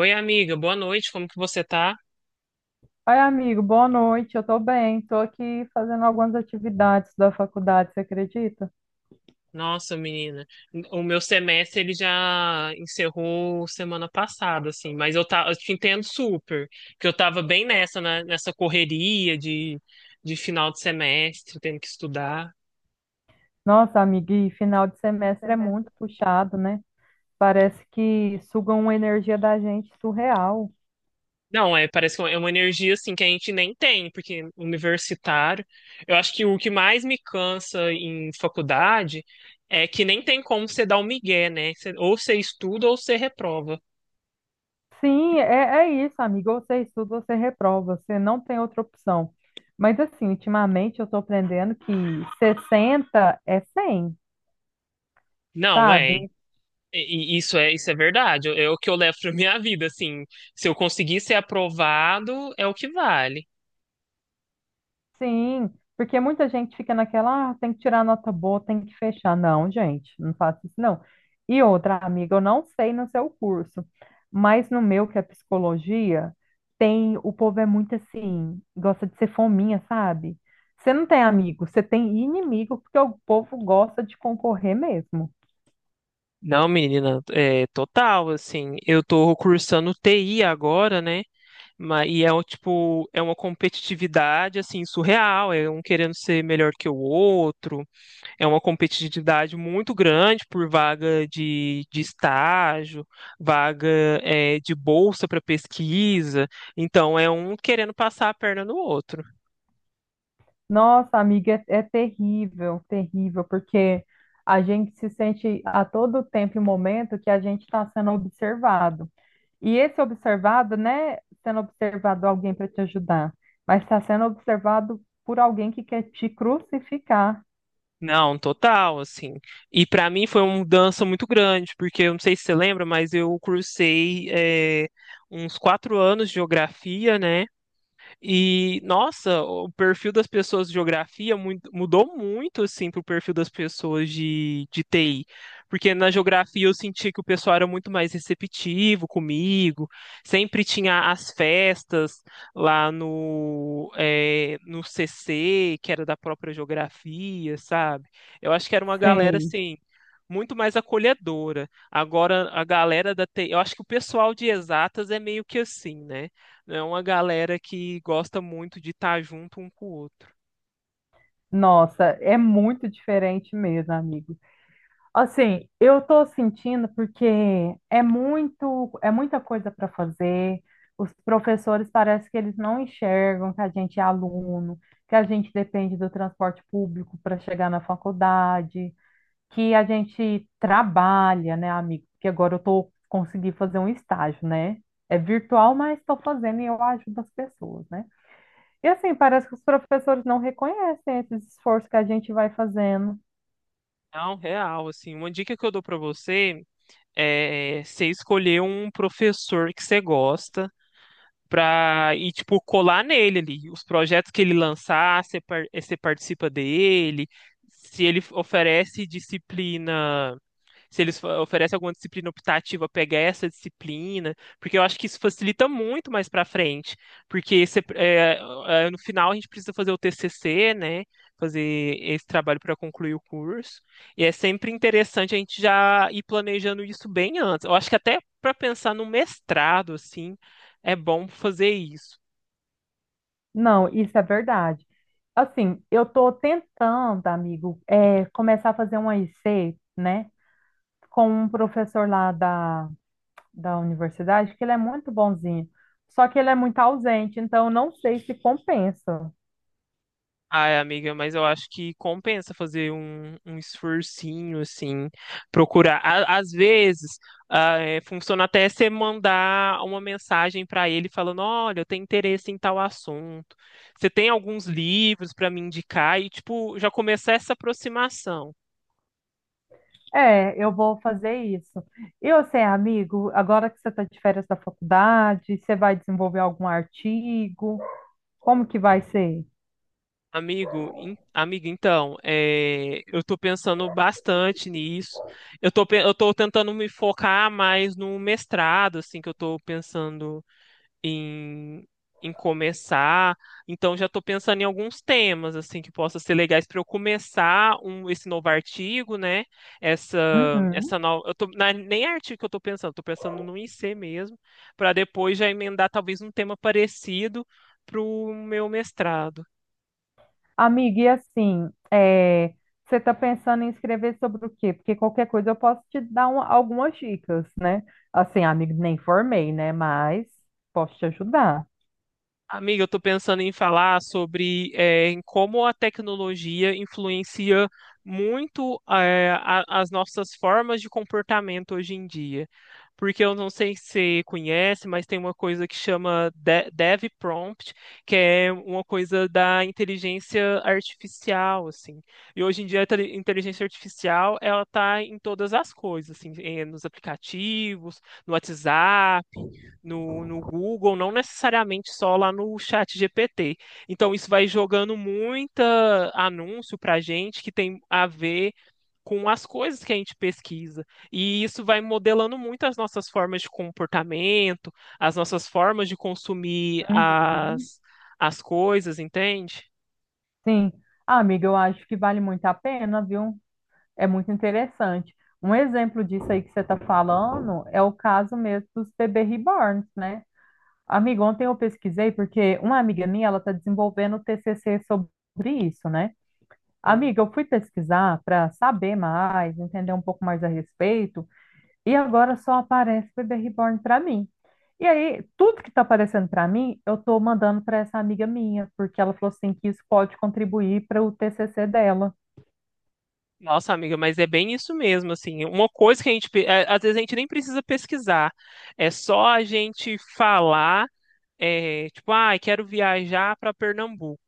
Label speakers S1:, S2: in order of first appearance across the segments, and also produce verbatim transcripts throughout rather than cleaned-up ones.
S1: Oi, amiga, boa noite, como que você tá?
S2: Oi, amigo, boa noite. Eu tô bem, tô aqui fazendo algumas atividades da faculdade, você acredita?
S1: Nossa, menina, o meu semestre ele já encerrou semana passada, assim, mas eu, tá, eu te entendo super, que eu tava bem nessa, né, nessa correria de, de final de semestre, tendo que estudar.
S2: Nossa, amigo, e final de semestre é muito puxado, né? Parece que sugam uma energia da gente surreal.
S1: Não, é, parece que é uma energia, assim, que a gente nem tem, porque universitário, eu acho que o que mais me cansa em faculdade é que nem tem como você dar o migué, né? Você- ou você estuda ou você reprova.
S2: Sim, é, é isso, amigo. Ou você estuda, ou você reprova. Você não tem outra opção. Mas, assim, ultimamente eu estou aprendendo que sessenta é cem,
S1: Não, é.
S2: sabe?
S1: E- e Isso é, isso é verdade. É o que eu levo pra minha vida, assim. Se eu conseguir ser aprovado, é o que vale.
S2: Sim, porque muita gente fica naquela, ah, tem que tirar nota boa, tem que fechar. Não, gente, não faço isso, não. E outra, amiga, eu não sei no seu curso, mas no meu, que é psicologia, tem, o povo é muito assim, gosta de ser fominha, sabe? Você não tem amigo, você tem inimigo, porque o povo gosta de concorrer mesmo.
S1: Não, menina, é total, assim. Eu tô cursando T I agora, né? Mas, e é um, tipo, é uma competitividade, assim, surreal. É um querendo ser melhor que o outro. É uma competitividade muito grande por vaga de, de estágio, vaga, é, de bolsa para pesquisa. Então, é um querendo passar a perna no outro.
S2: Nossa, amiga, é, é terrível, terrível, porque a gente se sente a todo tempo e momento que a gente está sendo observado. E esse observado, né, sendo observado alguém para te ajudar, mas está sendo observado por alguém que quer te crucificar.
S1: Não, total, assim. E pra mim foi uma mudança muito grande, porque eu não sei se você lembra, mas eu cursei é, uns quatro anos de geografia, né? E, nossa, o perfil das pessoas de geografia mui- mudou muito, assim, pro perfil das pessoas de, de T I. Porque na geografia eu senti que o pessoal era muito mais receptivo comigo, sempre tinha as festas lá no, eh, no C C, que era da própria geografia, sabe? Eu acho que era uma galera,
S2: Sei.
S1: assim, muito mais acolhedora. Agora, a galera da T I, eu acho que o pessoal de exatas é meio que assim, né? É uma galera que gosta muito de estar junto um com o outro.
S2: Nossa, é muito diferente mesmo, amigo. Assim, eu tô sentindo porque é muito, é muita coisa para fazer. Os professores parece que eles não enxergam que a gente é aluno, que a gente depende do transporte público para chegar na faculdade, que a gente trabalha, né, amigo? Porque agora eu tô consegui fazer um estágio, né? É virtual, mas estou fazendo e eu ajudo as pessoas, né? E assim, parece que os professores não reconhecem esses esforços que a gente vai fazendo.
S1: É um real, assim. Uma dica que eu dou para você é você escolher um professor que você gosta pra ir, tipo, colar nele ali. Os projetos que ele lançar, você par- você participa dele. Se ele oferece disciplina, se eles fa- oferecem alguma disciplina optativa, pegar essa disciplina, porque eu acho que isso facilita muito mais para frente, porque você- é, é, no final a gente precisa fazer o T C C, né? Fazer esse trabalho para concluir o curso. E é sempre interessante a gente já ir planejando isso bem antes. Eu acho que até para pensar no mestrado, assim, é bom fazer isso.
S2: Não, isso é verdade. Assim, eu estou tentando, amigo, é, começar a fazer uma I C, né? Com um professor lá da, da universidade, que ele é muito bonzinho. Só que ele é muito ausente, então eu não sei se compensa.
S1: Ai, amiga, mas eu acho que compensa fazer um, um esforcinho, assim, procurar. A- Às vezes, ah, é, funciona até você mandar uma mensagem para ele falando, olha, eu tenho interesse em tal assunto. Você tem alguns livros para me indicar? E, tipo, já começar essa aproximação.
S2: É, eu vou fazer isso. E você, amigo, agora que você está de férias da faculdade, você vai desenvolver algum artigo? Como que vai ser?
S1: Amigo, in- amiga, então, é, eu tô pensando bastante nisso. Eu tô, pe- eu tô tentando me focar mais no mestrado, assim, que eu tô pensando em, em começar. Então já estou pensando em alguns temas assim que possam ser legais para eu começar um, esse novo artigo, né? Essa
S2: Uhum.
S1: essa nova, eu tô, não é nem é artigo que eu estou pensando, estou pensando no I C mesmo, para depois já emendar talvez um tema parecido para o meu mestrado.
S2: Amiga, e assim, é, você está pensando em escrever sobre o quê? Porque qualquer coisa eu posso te dar um- algumas dicas, né? Assim, amigo, nem formei, né? Mas posso te ajudar.
S1: Amiga, eu estou pensando em falar sobre eh, em como a tecnologia influencia muito eh, a- as nossas formas de comportamento hoje em dia. Porque eu não sei se você conhece, mas tem uma coisa que chama de- Dev Prompt, que é uma coisa da inteligência artificial, assim. E hoje em dia a tele- inteligência artificial, ela tá em todas as coisas, assim, eh, nos aplicativos, no WhatsApp, no, no Google, não necessariamente só lá no chat G P T. Então, isso vai jogando muita anúncio para a gente que tem a ver com as coisas que a gente pesquisa. E isso vai modelando muito as nossas formas de comportamento, as nossas formas de consumir
S2: Uhum.
S1: as, as coisas, entende?
S2: Sim. Ah, amiga, eu acho que vale muito a pena, viu? É muito interessante. Um exemplo disso aí que você está falando é o caso mesmo dos bebê reborns, né? Amiga, ontem eu pesquisei porque uma amiga minha, ela está desenvolvendo o T C C sobre isso, né?
S1: Sim.
S2: Amiga, eu fui pesquisar para saber mais, entender um pouco mais a respeito, e agora só aparece Bebê Reborn para mim. E aí, tudo que está aparecendo para mim, eu estou mandando para essa amiga minha, porque ela falou assim que isso pode contribuir para o T C C dela.
S1: Nossa, amiga, mas é bem isso mesmo, assim. Uma coisa que a gente, pe- é, às vezes a gente nem precisa pesquisar, é só a gente falar É, tipo, ah, quero viajar para Pernambuco.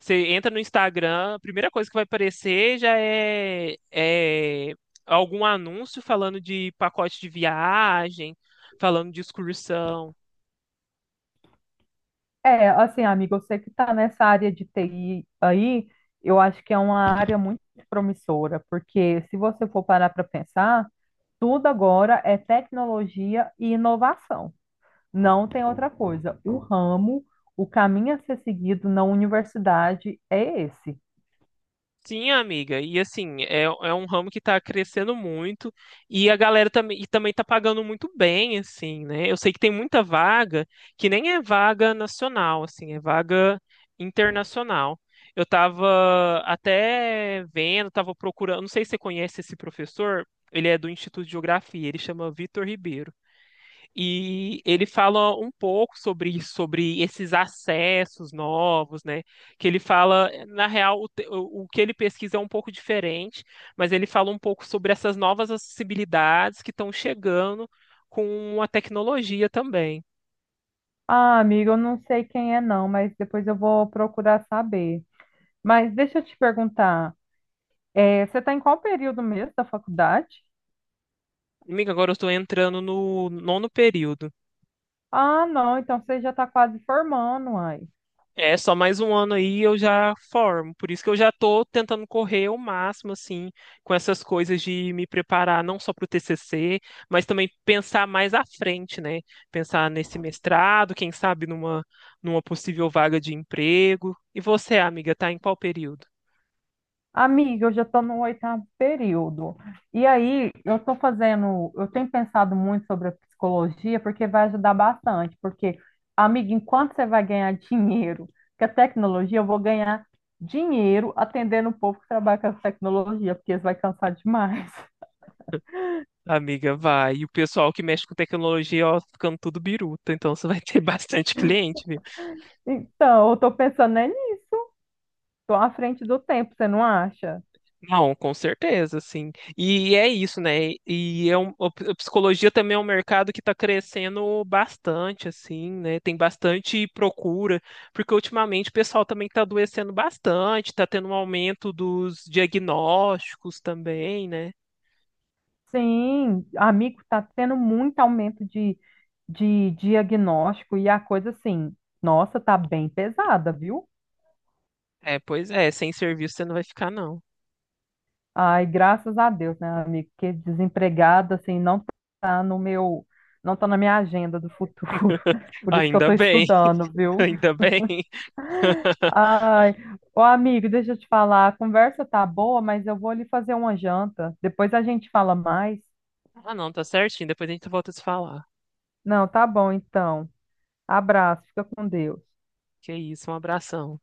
S1: Você entra no Instagram, a primeira coisa que vai aparecer já é, é algum anúncio falando de pacote de viagem, falando de excursão.
S2: É, assim, amiga, eu sei que está nessa área de T I aí, eu acho que é uma área muito promissora, porque se você for parar para pensar, tudo agora é tecnologia e inovação. Não tem outra coisa. O ramo, o caminho a ser seguido na universidade é esse.
S1: Sim, amiga, e assim, é, é um ramo que tá crescendo muito e a galera também, e também tá pagando muito bem, assim, né? Eu sei que tem muita vaga que nem é vaga nacional, assim, é vaga internacional. Eu tava até vendo, tava procurando, não sei se você conhece esse professor, ele é do Instituto de Geografia, ele chama Vitor Ribeiro. E ele fala um pouco sobre isso, sobre esses acessos novos, né? Que ele fala, na real, o, te- o- o que ele pesquisa é um pouco diferente, mas ele fala um pouco sobre essas novas acessibilidades que estão chegando com a tecnologia também.
S2: Ah, amiga, eu não sei quem é não, mas depois eu vou procurar saber. Mas deixa eu te perguntar, eh, você está em qual período mesmo da faculdade?
S1: Amiga, agora eu estou entrando no nono período.
S2: Ah, não, então você já está quase formando, ai.
S1: É, só mais um ano aí eu já formo. Por isso que eu já tô tentando correr o máximo, assim, com essas coisas de me preparar não só para o T C C, mas também pensar mais à frente, né? Pensar nesse mestrado, quem sabe numa, numa possível vaga de emprego. E você, amiga, tá em qual período?
S2: Amiga, eu já estou no oitavo período. E aí, eu estou fazendo, eu tenho pensado muito sobre a psicologia, porque vai ajudar bastante. Porque, amiga, enquanto você vai ganhar dinheiro com a tecnologia, eu vou ganhar dinheiro atendendo o povo que trabalha com a tecnologia, porque eles vão cansar demais.
S1: Amiga, vai. E o pessoal que mexe com tecnologia, ó, ficando tudo biruta. Então você vai ter bastante cliente, viu?
S2: Então, eu estou pensando é nisso, tô à frente do tempo, você não acha?
S1: Não, com certeza, sim. E é isso, né? E é um, a psicologia também é um mercado que está crescendo bastante, assim, né? Tem bastante procura, porque ultimamente o pessoal também está adoecendo bastante, está tendo um aumento dos diagnósticos também, né?
S2: Sim, amigo, está tendo muito aumento de, de diagnóstico e a coisa assim, nossa, tá bem pesada, viu?
S1: É, pois é, sem serviço você não vai ficar, não.
S2: Ai, graças a Deus, né, amigo? Porque desempregada, assim, não tá no meu, não tá na minha agenda do futuro. Por isso que eu
S1: Ainda
S2: tô
S1: bem,
S2: estudando, viu?
S1: ainda bem.
S2: Ai, ô amigo, deixa eu te falar, a conversa tá boa, mas eu vou ali fazer uma janta. Depois a gente fala mais.
S1: Ah, não, tá certinho. Depois a gente volta a se falar.
S2: Não, tá bom, então. Abraço, fica com Deus.
S1: Que isso, um abração.